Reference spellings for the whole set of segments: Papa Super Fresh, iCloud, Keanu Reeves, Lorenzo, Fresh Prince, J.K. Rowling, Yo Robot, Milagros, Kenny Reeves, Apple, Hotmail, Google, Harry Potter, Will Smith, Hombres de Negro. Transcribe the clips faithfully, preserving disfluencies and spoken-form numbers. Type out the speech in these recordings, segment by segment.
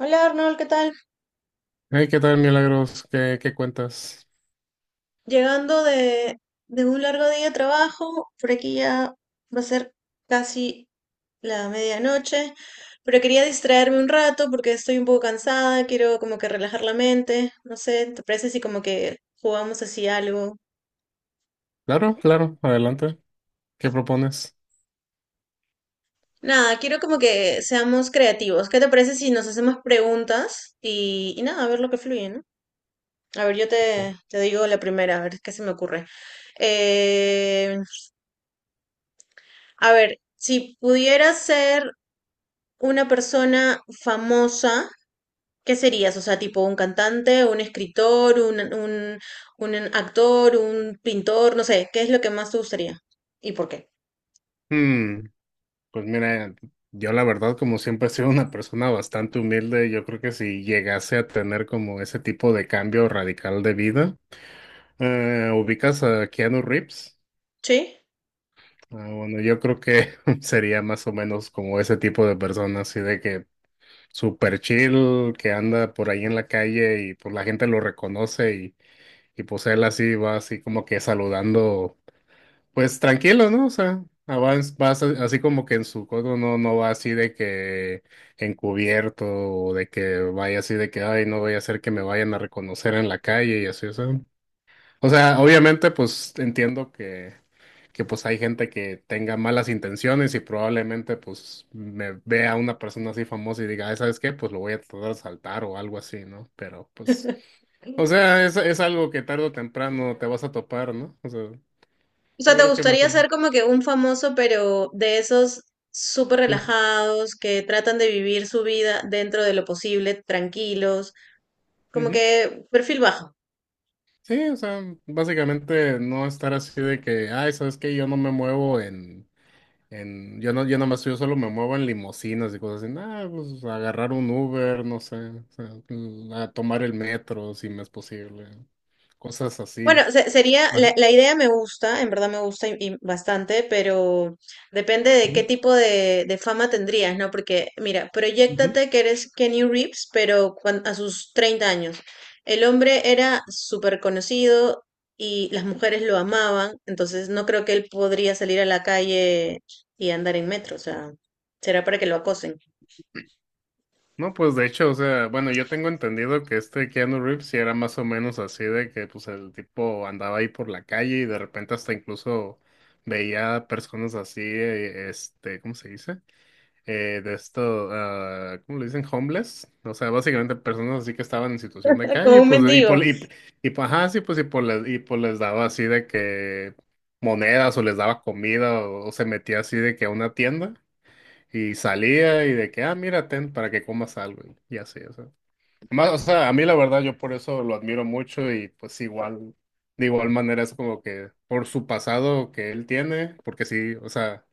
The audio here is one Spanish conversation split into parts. Hola Arnold, ¿qué tal? Hey, ¿qué tal, Milagros? ¿Qué, qué cuentas? Llegando de, de un largo día de trabajo. Por aquí ya va a ser casi la medianoche, pero quería distraerme un rato porque estoy un poco cansada. Quiero como que relajar la mente, no sé, ¿te parece si como que jugamos así algo? Claro, claro, adelante. ¿Qué propones? Nada, quiero como que seamos creativos. ¿Qué te parece si nos hacemos preguntas y, y nada, a ver lo que fluye, ¿no? A ver, yo ¿Qué? te, te digo la primera, a ver qué se me ocurre. Eh, a ver, si pudieras ser una persona famosa, ¿qué serías? O sea, tipo un cantante, un escritor, un, un, un actor, un pintor, no sé, ¿qué es lo que más te gustaría? ¿Y por qué? Hmm, pues mira, yo la verdad, como siempre he sido una persona bastante humilde, yo creo que si llegase a tener como ese tipo de cambio radical de vida, eh, ubicas a Keanu Reeves. ¿Sí? Ah, bueno, yo creo que sería más o menos como ese tipo de persona, así de que super chill, que anda por ahí en la calle y pues la gente lo reconoce y, y pues él así va así como que saludando. Pues tranquilo, ¿no? O sea, avanz- vas a- así como que en su codo no, no va así de que encubierto o de que vaya así de que, ay, no voy a hacer que me vayan a reconocer en la calle y así, o sea. O sea, obviamente, pues entiendo que, que pues hay gente que tenga malas intenciones y probablemente pues me vea una persona así famosa y diga, ay, ¿sabes qué? Pues lo voy a tratar de saltar o algo así, ¿no? Pero pues... O sea, es, es algo que tarde o temprano te vas a topar, ¿no? O sea, O sea, yo ¿te creo que más o gustaría ser menos. como que un famoso, pero de esos súper Ujú, relajados, que tratan de vivir su vida dentro de lo posible, tranquilos, como ujú. que perfil bajo? Sí, o sea, básicamente no estar así de que, ay, ¿sabes qué? Yo no me muevo en, en, yo no, yo nomás, yo solo me muevo en limusinas y cosas así. Nada, pues agarrar un Uber, no sé, o sea, mm, a tomar el metro si me es posible, cosas así. Bueno, se- sería, Ajá. la, la idea me gusta, en verdad me gusta y, y bastante, pero depende de qué Ujú, tipo de, de fama tendrías, ¿no? Porque, mira, ujú. proyéctate que eres Kenny Reeves, pero cuan- a sus treinta años. El hombre era súper conocido y las mujeres lo amaban, entonces no creo que él podría salir a la calle y andar en metro. O sea, será para que lo acosen. No, pues de hecho, o sea, bueno, yo tengo entendido que este Keanu Reeves sí era más o menos así de que pues el tipo andaba ahí por la calle y de repente hasta incluso veía personas así, eh, este, ¿cómo se dice? Eh, de esto, ah, ¿cómo le dicen? Homeless. O sea, básicamente personas así que estaban en situación de Como calle, un pues, y mendigo. por, y, y, pues, ajá, sí, pues, y por les, y pues les daba así de que monedas o les daba comida o, o se metía así de que a una tienda. Y salía y de que, ah, mira, ten para que comas algo. Y así, o sea. Más, o sea, a mí la verdad yo por eso lo admiro mucho y pues igual, de igual manera es como que por su pasado que él tiene, porque sí, o sea,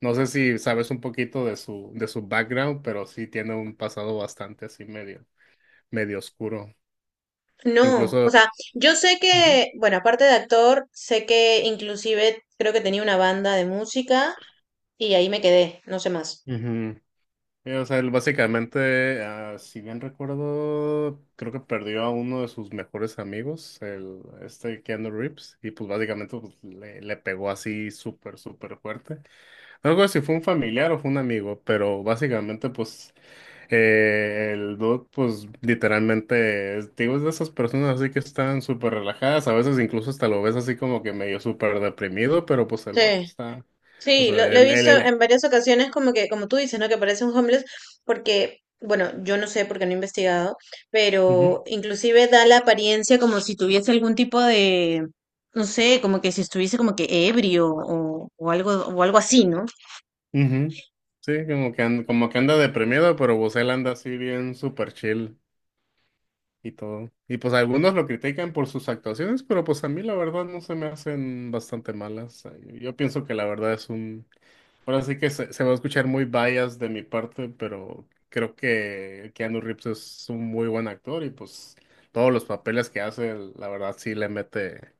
no sé si sabes un poquito de su, de su background, pero sí tiene un pasado bastante así medio, medio oscuro. No, o Incluso... sea, yo sé Ujú. que, bueno, aparte de actor, sé que inclusive creo que tenía una banda de música y ahí me quedé, no sé más. Ujú. Eh, O sea, él básicamente, ah, si bien recuerdo, creo que perdió a uno de sus mejores amigos, el, este Keanu Reeves, y pues básicamente pues, le, le pegó así súper, súper fuerte. No recuerdo si fue un familiar o fue un amigo, pero básicamente pues eh, el dude pues literalmente, es- digo, es de esas personas así que están súper relajadas, a veces incluso hasta lo ves así como que medio súper deprimido, pero pues el vato Sí, está, o sí, lo, sea, lo he él, él, visto él. en varias ocasiones como que, como tú dices, ¿no? Que parece un homeless porque, bueno, yo no sé porque no he investigado, pero inclusive da la apariencia como si tuviese algún tipo de, no sé, como que si estuviese como que ebrio o, o algo, o algo así, ¿no? Ujú. Sí, como que, and- como que anda deprimido, pero Bosel anda así bien super chill y todo. Y pues algunos lo critican por sus actuaciones, pero pues a mí la verdad no se me hacen bastante malas. O sea, Yo, yo pienso que la verdad es un... Ahora sí que se, se va a escuchar muy bias de mi parte, pero creo que Keanu Reeves es un muy buen actor y pues todos los papeles que hace, la verdad sí le mete,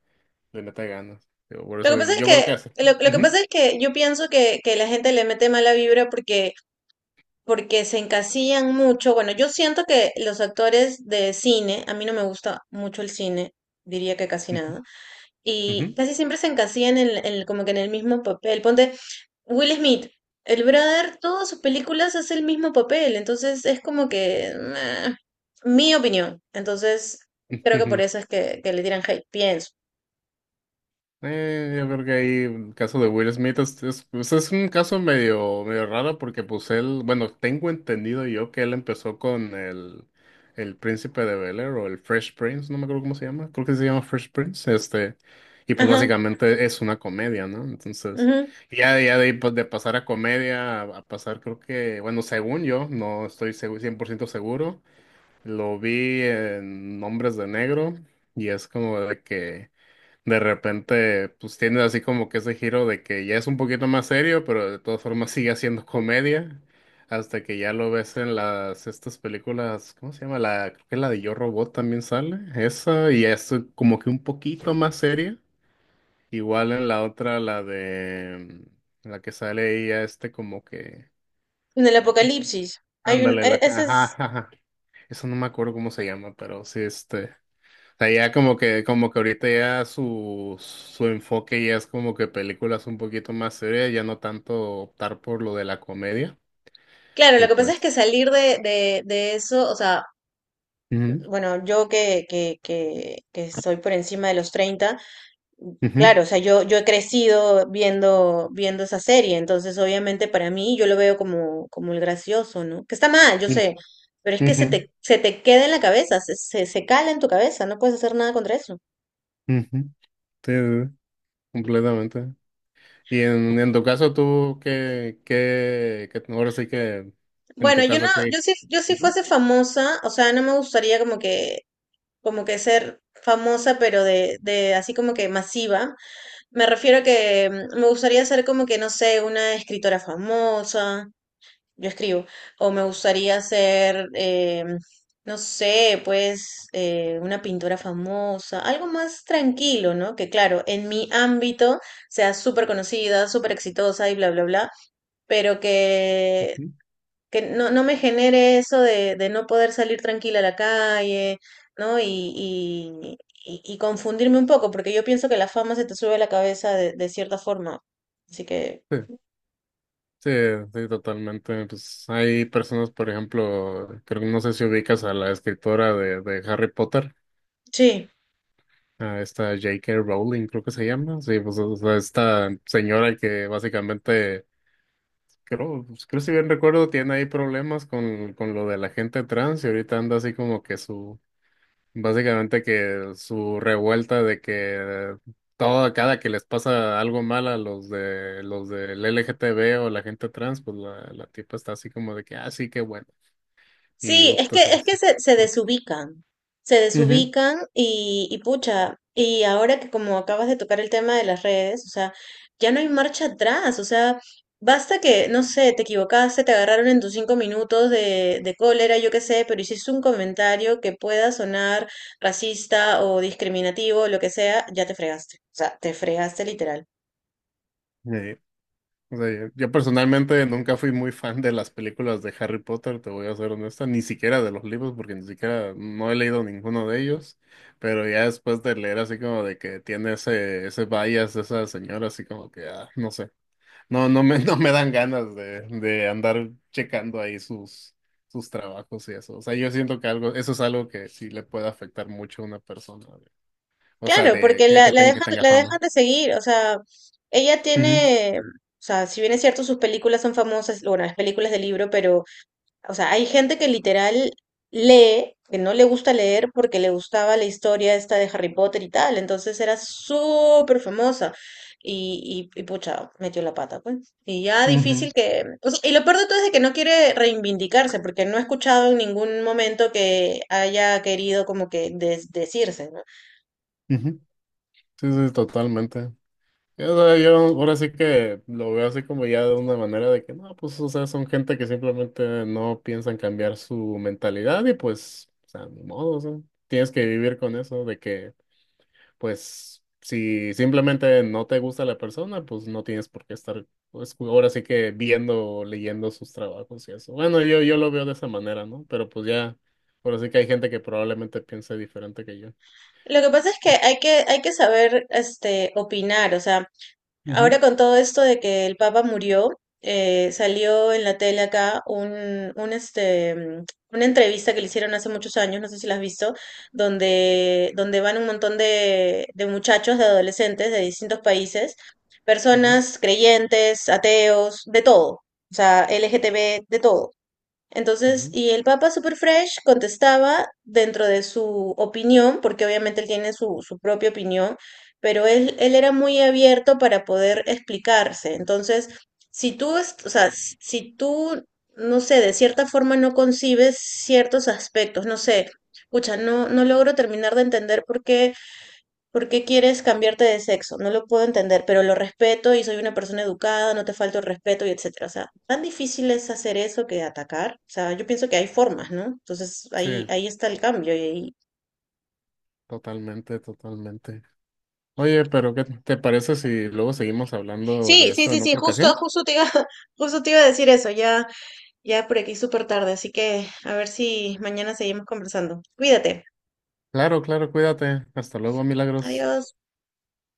le mete ganas. Digo, por Lo que eso pasa es yo creo que que, hace. lo, lo que Ujú, pasa es que yo pienso que, que la gente le mete mala vibra porque, porque se encasillan mucho. Bueno, yo siento que los actores de cine, a mí no me gusta mucho el cine, diría que casi ujú, nada, y casi siempre se encasillan en, en- como que en el mismo papel. Ponte Will Smith, el brother, todas sus películas hace el mismo papel, entonces es como que, meh, mi opinión. Entonces, ujú, creo que por ujú. eso es que, que le tiran hate, pienso. Eh, yo creo que ahí el caso de Will Smith es, es, pues es un caso medio, medio raro porque pues él, bueno, tengo entendido yo que él empezó con el, el Príncipe de Bel-Air o el Fresh Prince, no me acuerdo cómo se llama, creo que se llama Fresh Prince, este, y pues Ajá. básicamente es una comedia, ¿no? Entonces, ya, ya de ahí pues de pasar a comedia a, a pasar creo que, bueno, según yo, no estoy segu- cien por ciento seguro, lo vi en Hombres de Negro y es como de que de repente, pues tiene así como que ese giro de que ya es un poquito más serio, pero de todas formas sigue haciendo comedia, hasta que ya lo ves en las estas películas, ¿cómo se llama? La, creo que la de Yo Robot también sale, esa, y es como que un poquito más seria, igual en la otra, la de, mm, la que sale ella, este como que, En el ay, ¿cómo se llama? apocalipsis. Hay un, Ándale, e- la que, ese ajá, es. ajá, ajá. Eso no me acuerdo cómo se llama, pero sí, este sea, ya como que, como que ahorita ya su, su enfoque ya es como que películas un poquito más serias, ya no tanto optar por lo de la comedia. Claro, lo Y que pasa es pues. que salir de, de, de eso. O sea, Ujú, bueno, yo que, que, que, que soy por encima de los treinta, ujú, claro, o sea, yo, yo he crecido viendo, viendo esa serie, entonces obviamente para mí yo lo veo como, como el gracioso, ¿no? Que está mal, yo ujú, sé, pero es que se te, se te queda en la cabeza, se, se, se cala en tu cabeza, no puedes hacer nada contra eso. ujú, ujú. Sí, sí, sí, completamente. Y en, en tu caso, tú, ¿qué, qué, qué- ahora sí que, en Bueno, tu yo no, caso, ¿qué? yo si, yo si Ujú, fuese famosa, o sea, no me gustaría como que como que ser famosa, pero de, de así como que masiva. Me refiero a que mm, me gustaría ser como que, no sé, una escritora famosa, yo escribo, o me gustaría ser, eh, no sé, pues eh, una pintora famosa, algo más tranquilo, ¿no? Que claro, en mi ámbito sea súper conocida, súper exitosa y bla, bla, bla, pero que ujú. que no, no me genere eso de, de no poder salir tranquila a la calle, ¿no? Y, y, y- y confundirme un poco, porque yo pienso que la fama se te sube a la cabeza de, de cierta forma. Así que, Sí, sí, sí, totalmente. Pues hay personas, por ejemplo, creo que no sé si ubicas a la escritora de, de Harry Potter. sí. A esta J K. Rowling, creo que se llama. Sí, pues o sea, esta señora que básicamente, creo, pues, creo si bien recuerdo, tiene ahí problemas con, con lo de la gente trans y ahorita anda así como que su, básicamente que su revuelta de que todo, cada que les pasa algo mal a los de los del L G T B o la gente trans, pues la, la tipa está así como de que, ah, sí, qué bueno. Y, Sí, es puta, que, sí, es sí. que se, se desubican, se Ujú. desubican y, y pucha, y ahora que como acabas de tocar el tema de las redes, o sea, ya no hay marcha atrás. O sea, basta que, no sé, te equivocaste, te agarraron en tus cinco minutos de, de cólera, yo qué sé, pero hiciste un comentario que pueda sonar racista o discriminativo, lo que sea, ya te fregaste, o sea, te fregaste literal. O sea, yo yo personalmente nunca fui muy fan de las películas de Harry Potter, te voy a ser honesta, ni siquiera de los libros, porque ni siquiera no he leído ninguno de ellos, pero ya después de leer así como de que tiene ese, ese bias de esa señora, así como que, ah, no sé, no, no me, no me dan ganas de, de andar checando ahí sus, sus trabajos y eso. O sea, yo siento que algo, eso es algo que sí le puede afectar mucho a una persona, o sea, Claro, de porque que, la, que, la tenga, que dejan, tenga la dejan fama. de seguir. O sea, ella Ujú, tiene, o sea, si bien es cierto, sus películas son famosas, bueno, las películas del libro, pero, o sea, hay gente que literal lee, que no le gusta leer porque le gustaba la historia esta de Harry Potter y tal, entonces era súper famosa y, y, y pucha, metió la pata, pues. Y ya ujú, difícil que, o sea, y lo peor de todo es de que no quiere reivindicarse, porque no he escuchado en ningún momento que haya querido como que des- decirse, ¿no? ujú. Sí, sí, totalmente. O sea, yo ahora sí que lo veo así como ya de una manera de que no, pues, o sea, son gente que simplemente no piensan cambiar su mentalidad y pues, o sea, ni modo, o sea, tienes que vivir con eso de que, pues, si simplemente no te gusta la persona, pues no tienes por qué estar, pues, ahora sí que viendo, o leyendo sus trabajos y eso. Bueno, yo, yo lo veo de esa manera, ¿no? Pero pues ya, ahora sí que hay gente que probablemente piense diferente que yo. Lo que pasa es que hay que, hay que saber este, opinar. O sea, ahora Ujú, con todo esto de que el Papa murió, eh, salió en la tele acá un, un, este, mm, una entrevista que le hicieron hace muchos años, no sé si la has visto, donde, donde van un montón de, de muchachos, de adolescentes de distintos países, ujú, ujú. personas creyentes, ateos, de todo, o sea, L G T B, de todo. Entonces, y el Papa Super Fresh contestaba dentro de su opinión, porque obviamente él tiene su, su propia opinión, pero él, él era muy abierto para poder explicarse. Entonces, si tú, es- o sea, s- si tú, no sé, de cierta forma no concibes ciertos aspectos, no sé, escucha, no, no logro terminar de entender por qué. ¿Por qué quieres cambiarte de sexo? No lo puedo entender, pero lo respeto y soy una persona educada, no te falto el respeto y etcétera. O sea, tan difícil es hacer eso que atacar. O sea, yo pienso que hay formas, ¿no? Entonces Sí, ahí, ahí está el cambio y ahí, totalmente, totalmente. Oye, pero ¿qué te parece si luego seguimos hablando de sí, sí, esto sí, en sí, otra justo, ocasión? justo te iba, justo te iba a decir eso, ya, ya por aquí súper tarde, así que a ver si mañana seguimos conversando. Cuídate. Claro, claro, cuídate. Hasta luego, Milagros. Adiós.